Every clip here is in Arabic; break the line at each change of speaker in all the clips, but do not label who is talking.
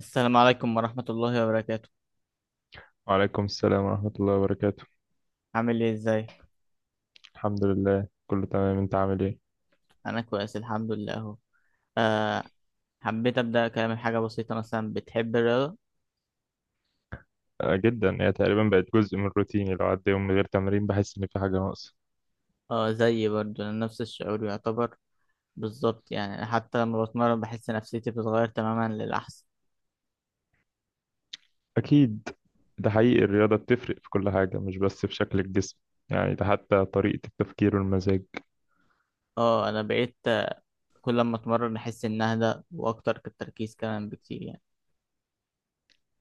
السلام عليكم ورحمة الله وبركاته.
وعليكم السلام ورحمة الله وبركاته.
عامل ايه ازاي؟
الحمد لله، كله تمام. انت عامل ايه؟
انا كويس الحمد لله اهو. أه. حبيت ابدأ كلامي بحاجة بسيطة، مثلا بتحب الرياضة؟
آه، جدا، هي تقريبا بقت جزء من روتيني. لو عدى يوم من غير تمرين بحس ان في حاجة ناقصة.
اه، زيي برضو، انا نفس الشعور يعتبر. بالظبط، يعني أنا حتى لما بتمرن بحس نفسيتي بتتغير تماما للأحسن.
اكيد. ده حقيقي، الرياضة بتفرق في كل حاجة، مش بس في شكل الجسم. يعني ده حتى طريقة التفكير والمزاج.
اه انا بقيت، كل ما اتمرن احس ان اهدى واكتر، التركيز كمان بكتير يعني.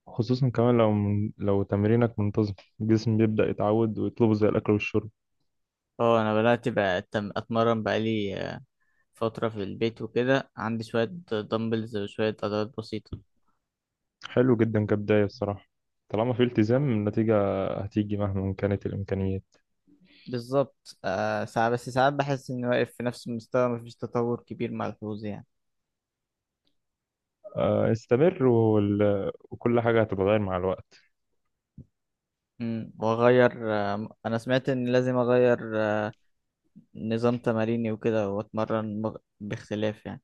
خصوصا كمان لو لو تمرينك منتظم، الجسم بيبدأ يتعود ويطلبه زي الأكل والشرب.
اه انا بدأت بقى اتمرن بقالي فترة في البيت وكده، عندي شوية دمبلز وشوية عضلات بسيطة.
حلو جدا كبداية الصراحة. طالما في التزام، النتيجة هتيجي مهما كانت الإمكانيات.
بالظبط. ساعات، ساعات بحس إني واقف في نفس المستوى، مفيش تطور كبير ملحوظ يعني.
آه، استمر، وكل حاجة هتتغير مع الوقت.
وأغير، أنا سمعت إن لازم أغير نظام تماريني وكده، وأتمرن باختلاف يعني.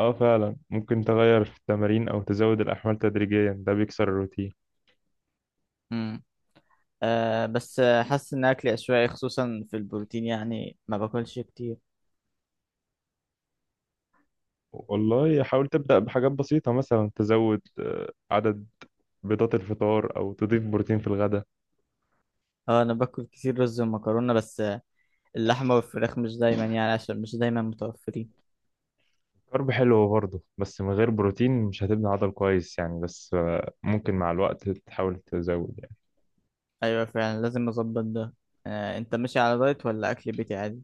اه فعلا، ممكن تغير في التمارين او تزود الاحمال تدريجيا، ده بيكسر الروتين.
امم بس حاسس إن أكلي عشوائي، خصوصا في البروتين، يعني ما باكلش كتير.
والله حاول تبدا بحاجات بسيطه، مثلا تزود عدد بيضات الفطار، او تضيف بروتين في الغداء.
اه أنا باكل كتير رز ومكرونة، بس اللحمة والفراخ مش دايما يعني، عشان مش دايما متوفرين.
كارب حلو برضه، بس من غير بروتين مش هتبني عضل كويس يعني. بس ممكن مع الوقت تحاول تزود يعني.
أيوة، فعلا لازم أظبط ده. أنت ماشي على دايت ولا أكل بيتي عادي؟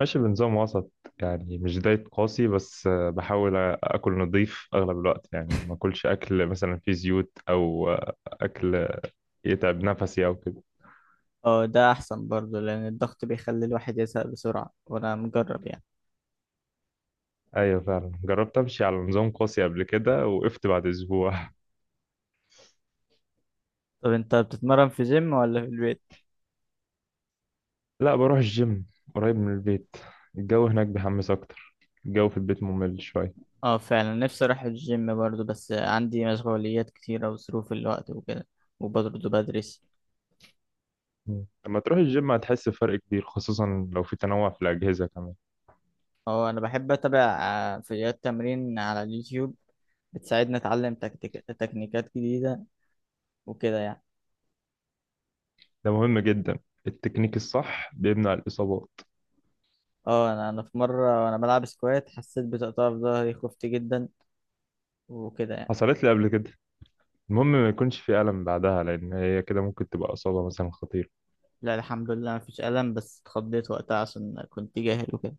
ماشي بنظام وسط، يعني مش دايت قاسي. بس بحاول اكل نظيف اغلب الوقت، يعني ما اكلش اكل مثلا فيه زيوت او اكل يتعب نفسي او كده.
اه، ده احسن برضه، لان الضغط بيخلي الواحد يزهق بسرعة، وانا مجرب يعني.
ايوه فعلا، جربت امشي على نظام قاسي قبل كده، وقفت بعد اسبوع.
طب انت بتتمرن في جيم ولا في البيت؟
لا، بروح الجيم، قريب من البيت. الجو هناك بيحمس اكتر، الجو في البيت ممل شويه.
اه فعلا، نفسي اروح الجيم برضه، بس عندي مشغوليات كتيرة وظروف الوقت وكده، وبرضه بدرس.
مم. لما تروح الجيم هتحس بفرق كبير، خصوصا لو في تنوع في الاجهزه كمان.
اه انا بحب اتابع فيديوهات تمرين على اليوتيوب، بتساعدني اتعلم تكنيكات جديدة وكده يعني.
ده مهم جدا، التكنيك الصح بيمنع الاصابات.
اه انا في مرة وانا بلعب سكوات حسيت بتقطع في ظهري، خفت جدا وكده يعني.
حصلت لي قبل كده. المهم ما يكونش في الم بعدها، لان هي كده ممكن تبقى اصابه مثلا خطيره.
لا الحمد لله مفيش ألم، بس اتخضيت وقتها عشان كنت جاهل وكده.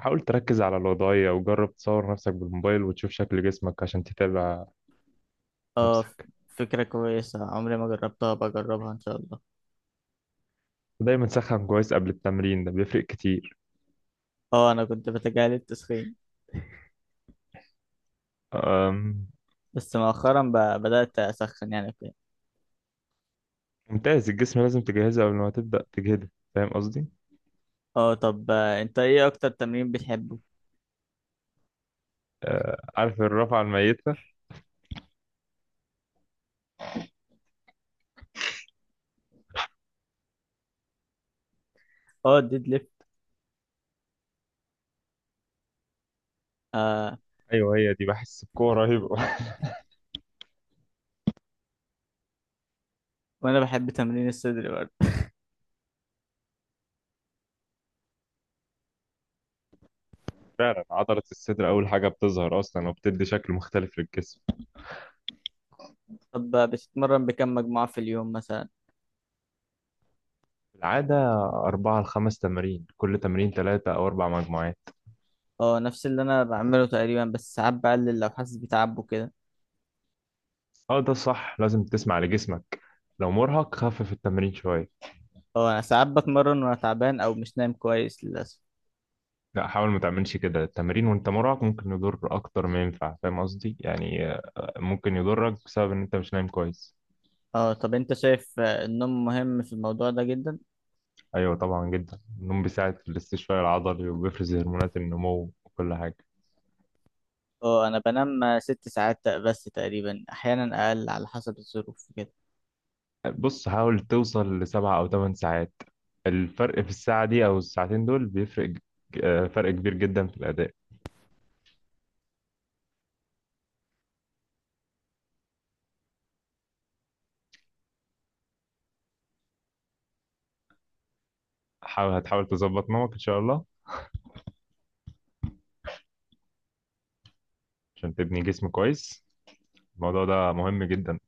حاول تركز على الوضعيه، وجرب تصور نفسك بالموبايل وتشوف شكل جسمك عشان تتابع
اه،
نفسك.
فكرة كويسة، عمري ما جربتها، بجربها ان شاء الله.
دايما سخن كويس قبل التمرين، ده بيفرق كتير.
اه انا كنت بتجاهل التسخين،
أم،
بس مؤخرا بدأت اسخن يعني كده.
ممتاز. الجسم لازم تجهزه قبل ما تبدأ تجهده، فاهم قصدي؟
اه، طب انت ايه اكتر تمرين بتحبه؟
عارف الرفعة الميتة؟
اه، الديد ليفت. آه.
أيوه، هي دي بحس بقوة رهيبة.
وانا بحب تمرين الصدر برضه.
فعلا عضلة الصدر أول حاجة بتظهر أصلا، وبتدي شكل مختلف للجسم.
طب بتتمرن بكم مجموعة في اليوم مثلا؟
في العادة 4 ل5 تمارين، كل تمرين 3 أو 4 مجموعات.
اه، نفس اللي انا بعمله تقريبا، بس ساعات بقلل لو حاسس بتعب وكده.
أه ده صح، لازم تسمع لجسمك. لو مرهق خفف التمرين شوية.
اه انا ساعات بتمرن وانا تعبان او مش نايم كويس للاسف.
لا، حاول ما تعملش كده. التمرين وانت مرهق ممكن يضر اكتر ما ينفع، فاهم قصدي؟ يعني ممكن يضرك بسبب ان انت مش نايم كويس.
اه طب انت شايف النوم مهم في الموضوع ده جدا؟
ايوه طبعا جدا، النوم بيساعد في الاستشفاء العضلي، وبيفرز هرمونات النمو وكل حاجه.
اه انا بنام 6 ساعات بس تقريبا، احيانا اقل على حسب الظروف كده.
بص، حاول توصل لسبع او ثمان ساعات. الفرق في الساعه دي او الساعتين دول بيفرق فرق كبير جدا في الاداء. هتحاول تظبط نومك ان شاء الله، عشان تبني جسم كويس. الموضوع ده مهم جدا.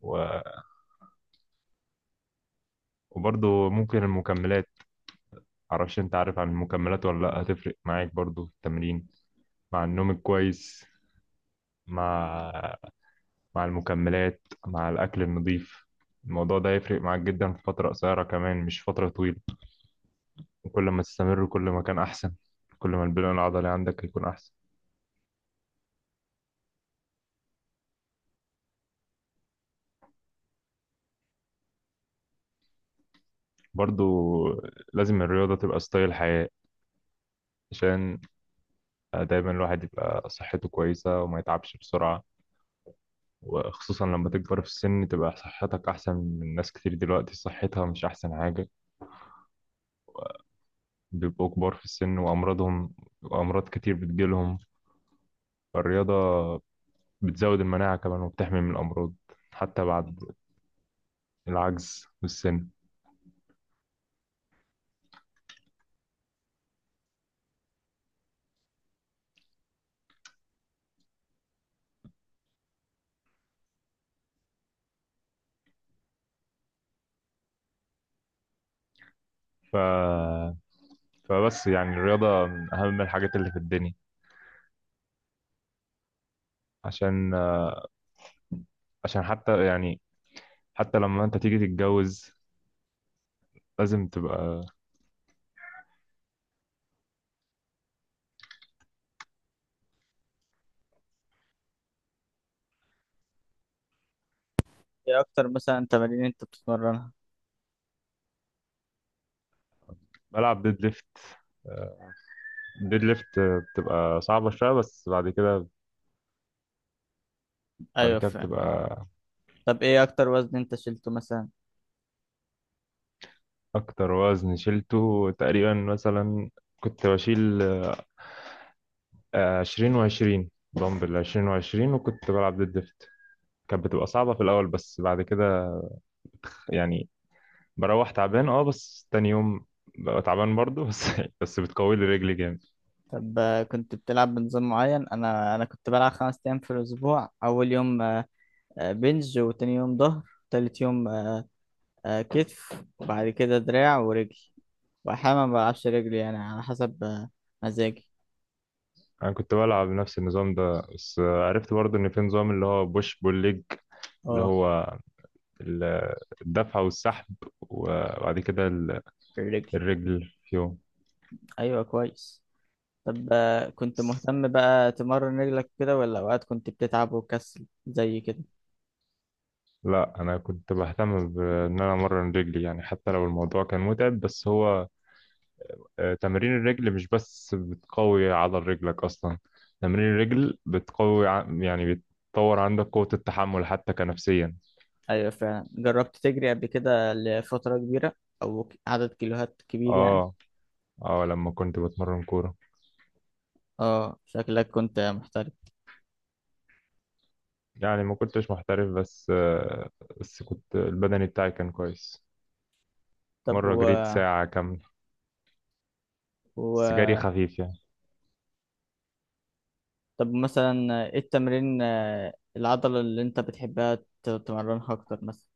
و... وبرضه ممكن المكملات. معرفش انت عارف عن المكملات ولا لأ. هتفرق معاك برضو في التمرين، مع النوم الكويس، مع مع المكملات، مع الأكل النظيف. الموضوع ده هيفرق معاك جدا في فترة قصيرة، كمان مش فترة طويلة. وكل ما تستمر كل ما كان أحسن، كل ما البناء العضلي عندك هيكون أحسن. برضو لازم الرياضة تبقى ستايل حياة، عشان دايما الواحد يبقى صحته كويسة وما يتعبش بسرعة. وخصوصا لما تكبر في السن، تبقى صحتك أحسن من ناس كتير دلوقتي صحتها مش أحسن حاجة. بيبقوا كبار في السن وأمراضهم، وأمراض كتير بتجيلهم. فالرياضة بتزود المناعة كمان، وبتحمي من الأمراض حتى بعد العجز والسن. ف... فبس يعني الرياضة من أهم الحاجات اللي في الدنيا. عشان عشان حتى يعني، حتى لما أنت تيجي تتجوز لازم تبقى.
ايه اكتر مثلا تمارين انت بتتمرنها؟
بلعب ديد ليفت. ديد ليفت بتبقى صعبة شوية، بس بعد كده. بعد
ايوه
كده
فعلا.
بتبقى.
طب ايه اكتر وزن انت شلته مثلا؟
أكتر وزن شلته تقريبا مثلا، كنت بشيل 20 و20 دمبل، 20 و20، وكنت بلعب ديد ليفت. كانت بتبقى صعبة في الأول، بس بعد كده يعني بروح تعبان، اه بس تاني يوم ببقى تعبان برضه. بس بس بتقوي لي رجلي جامد.
طب كنت بتلعب بنظام معين؟ انا كنت بلعب 5 ايام في الاسبوع، اول يوم بنج، وتاني يوم ظهر، تالت يوم كتف، وبعد كده دراع ورجل، واحيانا ما بلعبش رجلي يعني، على حسب مزاجي.
أنا كنت بلعب نفس النظام ده، بس عرفت برضه إن في نظام اللي هو بوش بول ليج، اللي
اه.
هو ال- الدفع والسحب، وبعد كده
الرجل.
الرجل فيهم.
ايوه كويس. طب كنت مهتم بقى تمرن رجلك كده، ولا اوقات كنت بتتعب وكسل زي كده؟
لا، أنا كنت بهتم بإن أنا أمرن رجلي، يعني حتى لو الموضوع كان متعب. بس هو تمارين الرجل مش بس بتقوي عضل رجلك أصلا، تمارين الرجل بتقوي يعني بتطور عندك قوة التحمل حتى كنفسيا.
ايوه فعلا. جربت تجري قبل كده لفترة كبيرة، او عدد كيلوهات كبير يعني؟
اه اه، لما كنت بتمرن كورة.
اه، شكلك كنت محترف.
يعني ما كنتش محترف، بس كنت البدني بتاعي كان كويس.
طب
مرة جريت ساعة كاملة، بس جري
و...
خفيف يعني.
طب مثلا ايه التمرين آه، العضلة اللي انت بتحبها تمرنها اكتر مثلا؟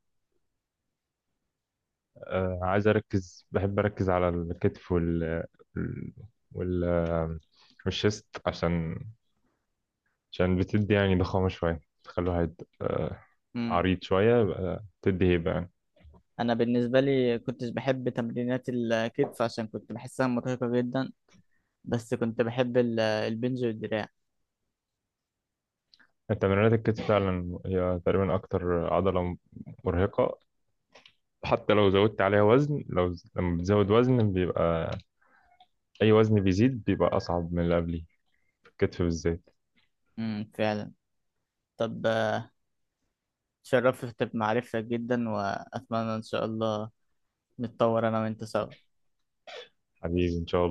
عايز أركز بحب أركز على الكتف وال وال- والشيست، عشان بتدي يعني ضخامة شوية، تخلي الواحد
مم.
عريض شوية، يبقى تدي هيبة يعني.
انا بالنسبة لي كنتش بحب تمرينات الكتف عشان كنت بحسها مرهقة جدا، بس كنت بحب البنج والدراع.
تمرينات الكتف فعلا هي تقريبا أكتر عضلة مرهقة. حتى لو زودت عليها وزن، لما بتزود وزن بيبقى أي وزن بيزيد بيبقى أصعب من اللي قبليه، في الكتف بالذات.
مم. فعلا. طب، شرفت بمعرفتك جدا، وأتمنى إن شاء الله نتطور أنا وأنت سوا.
حبيبي إن شاء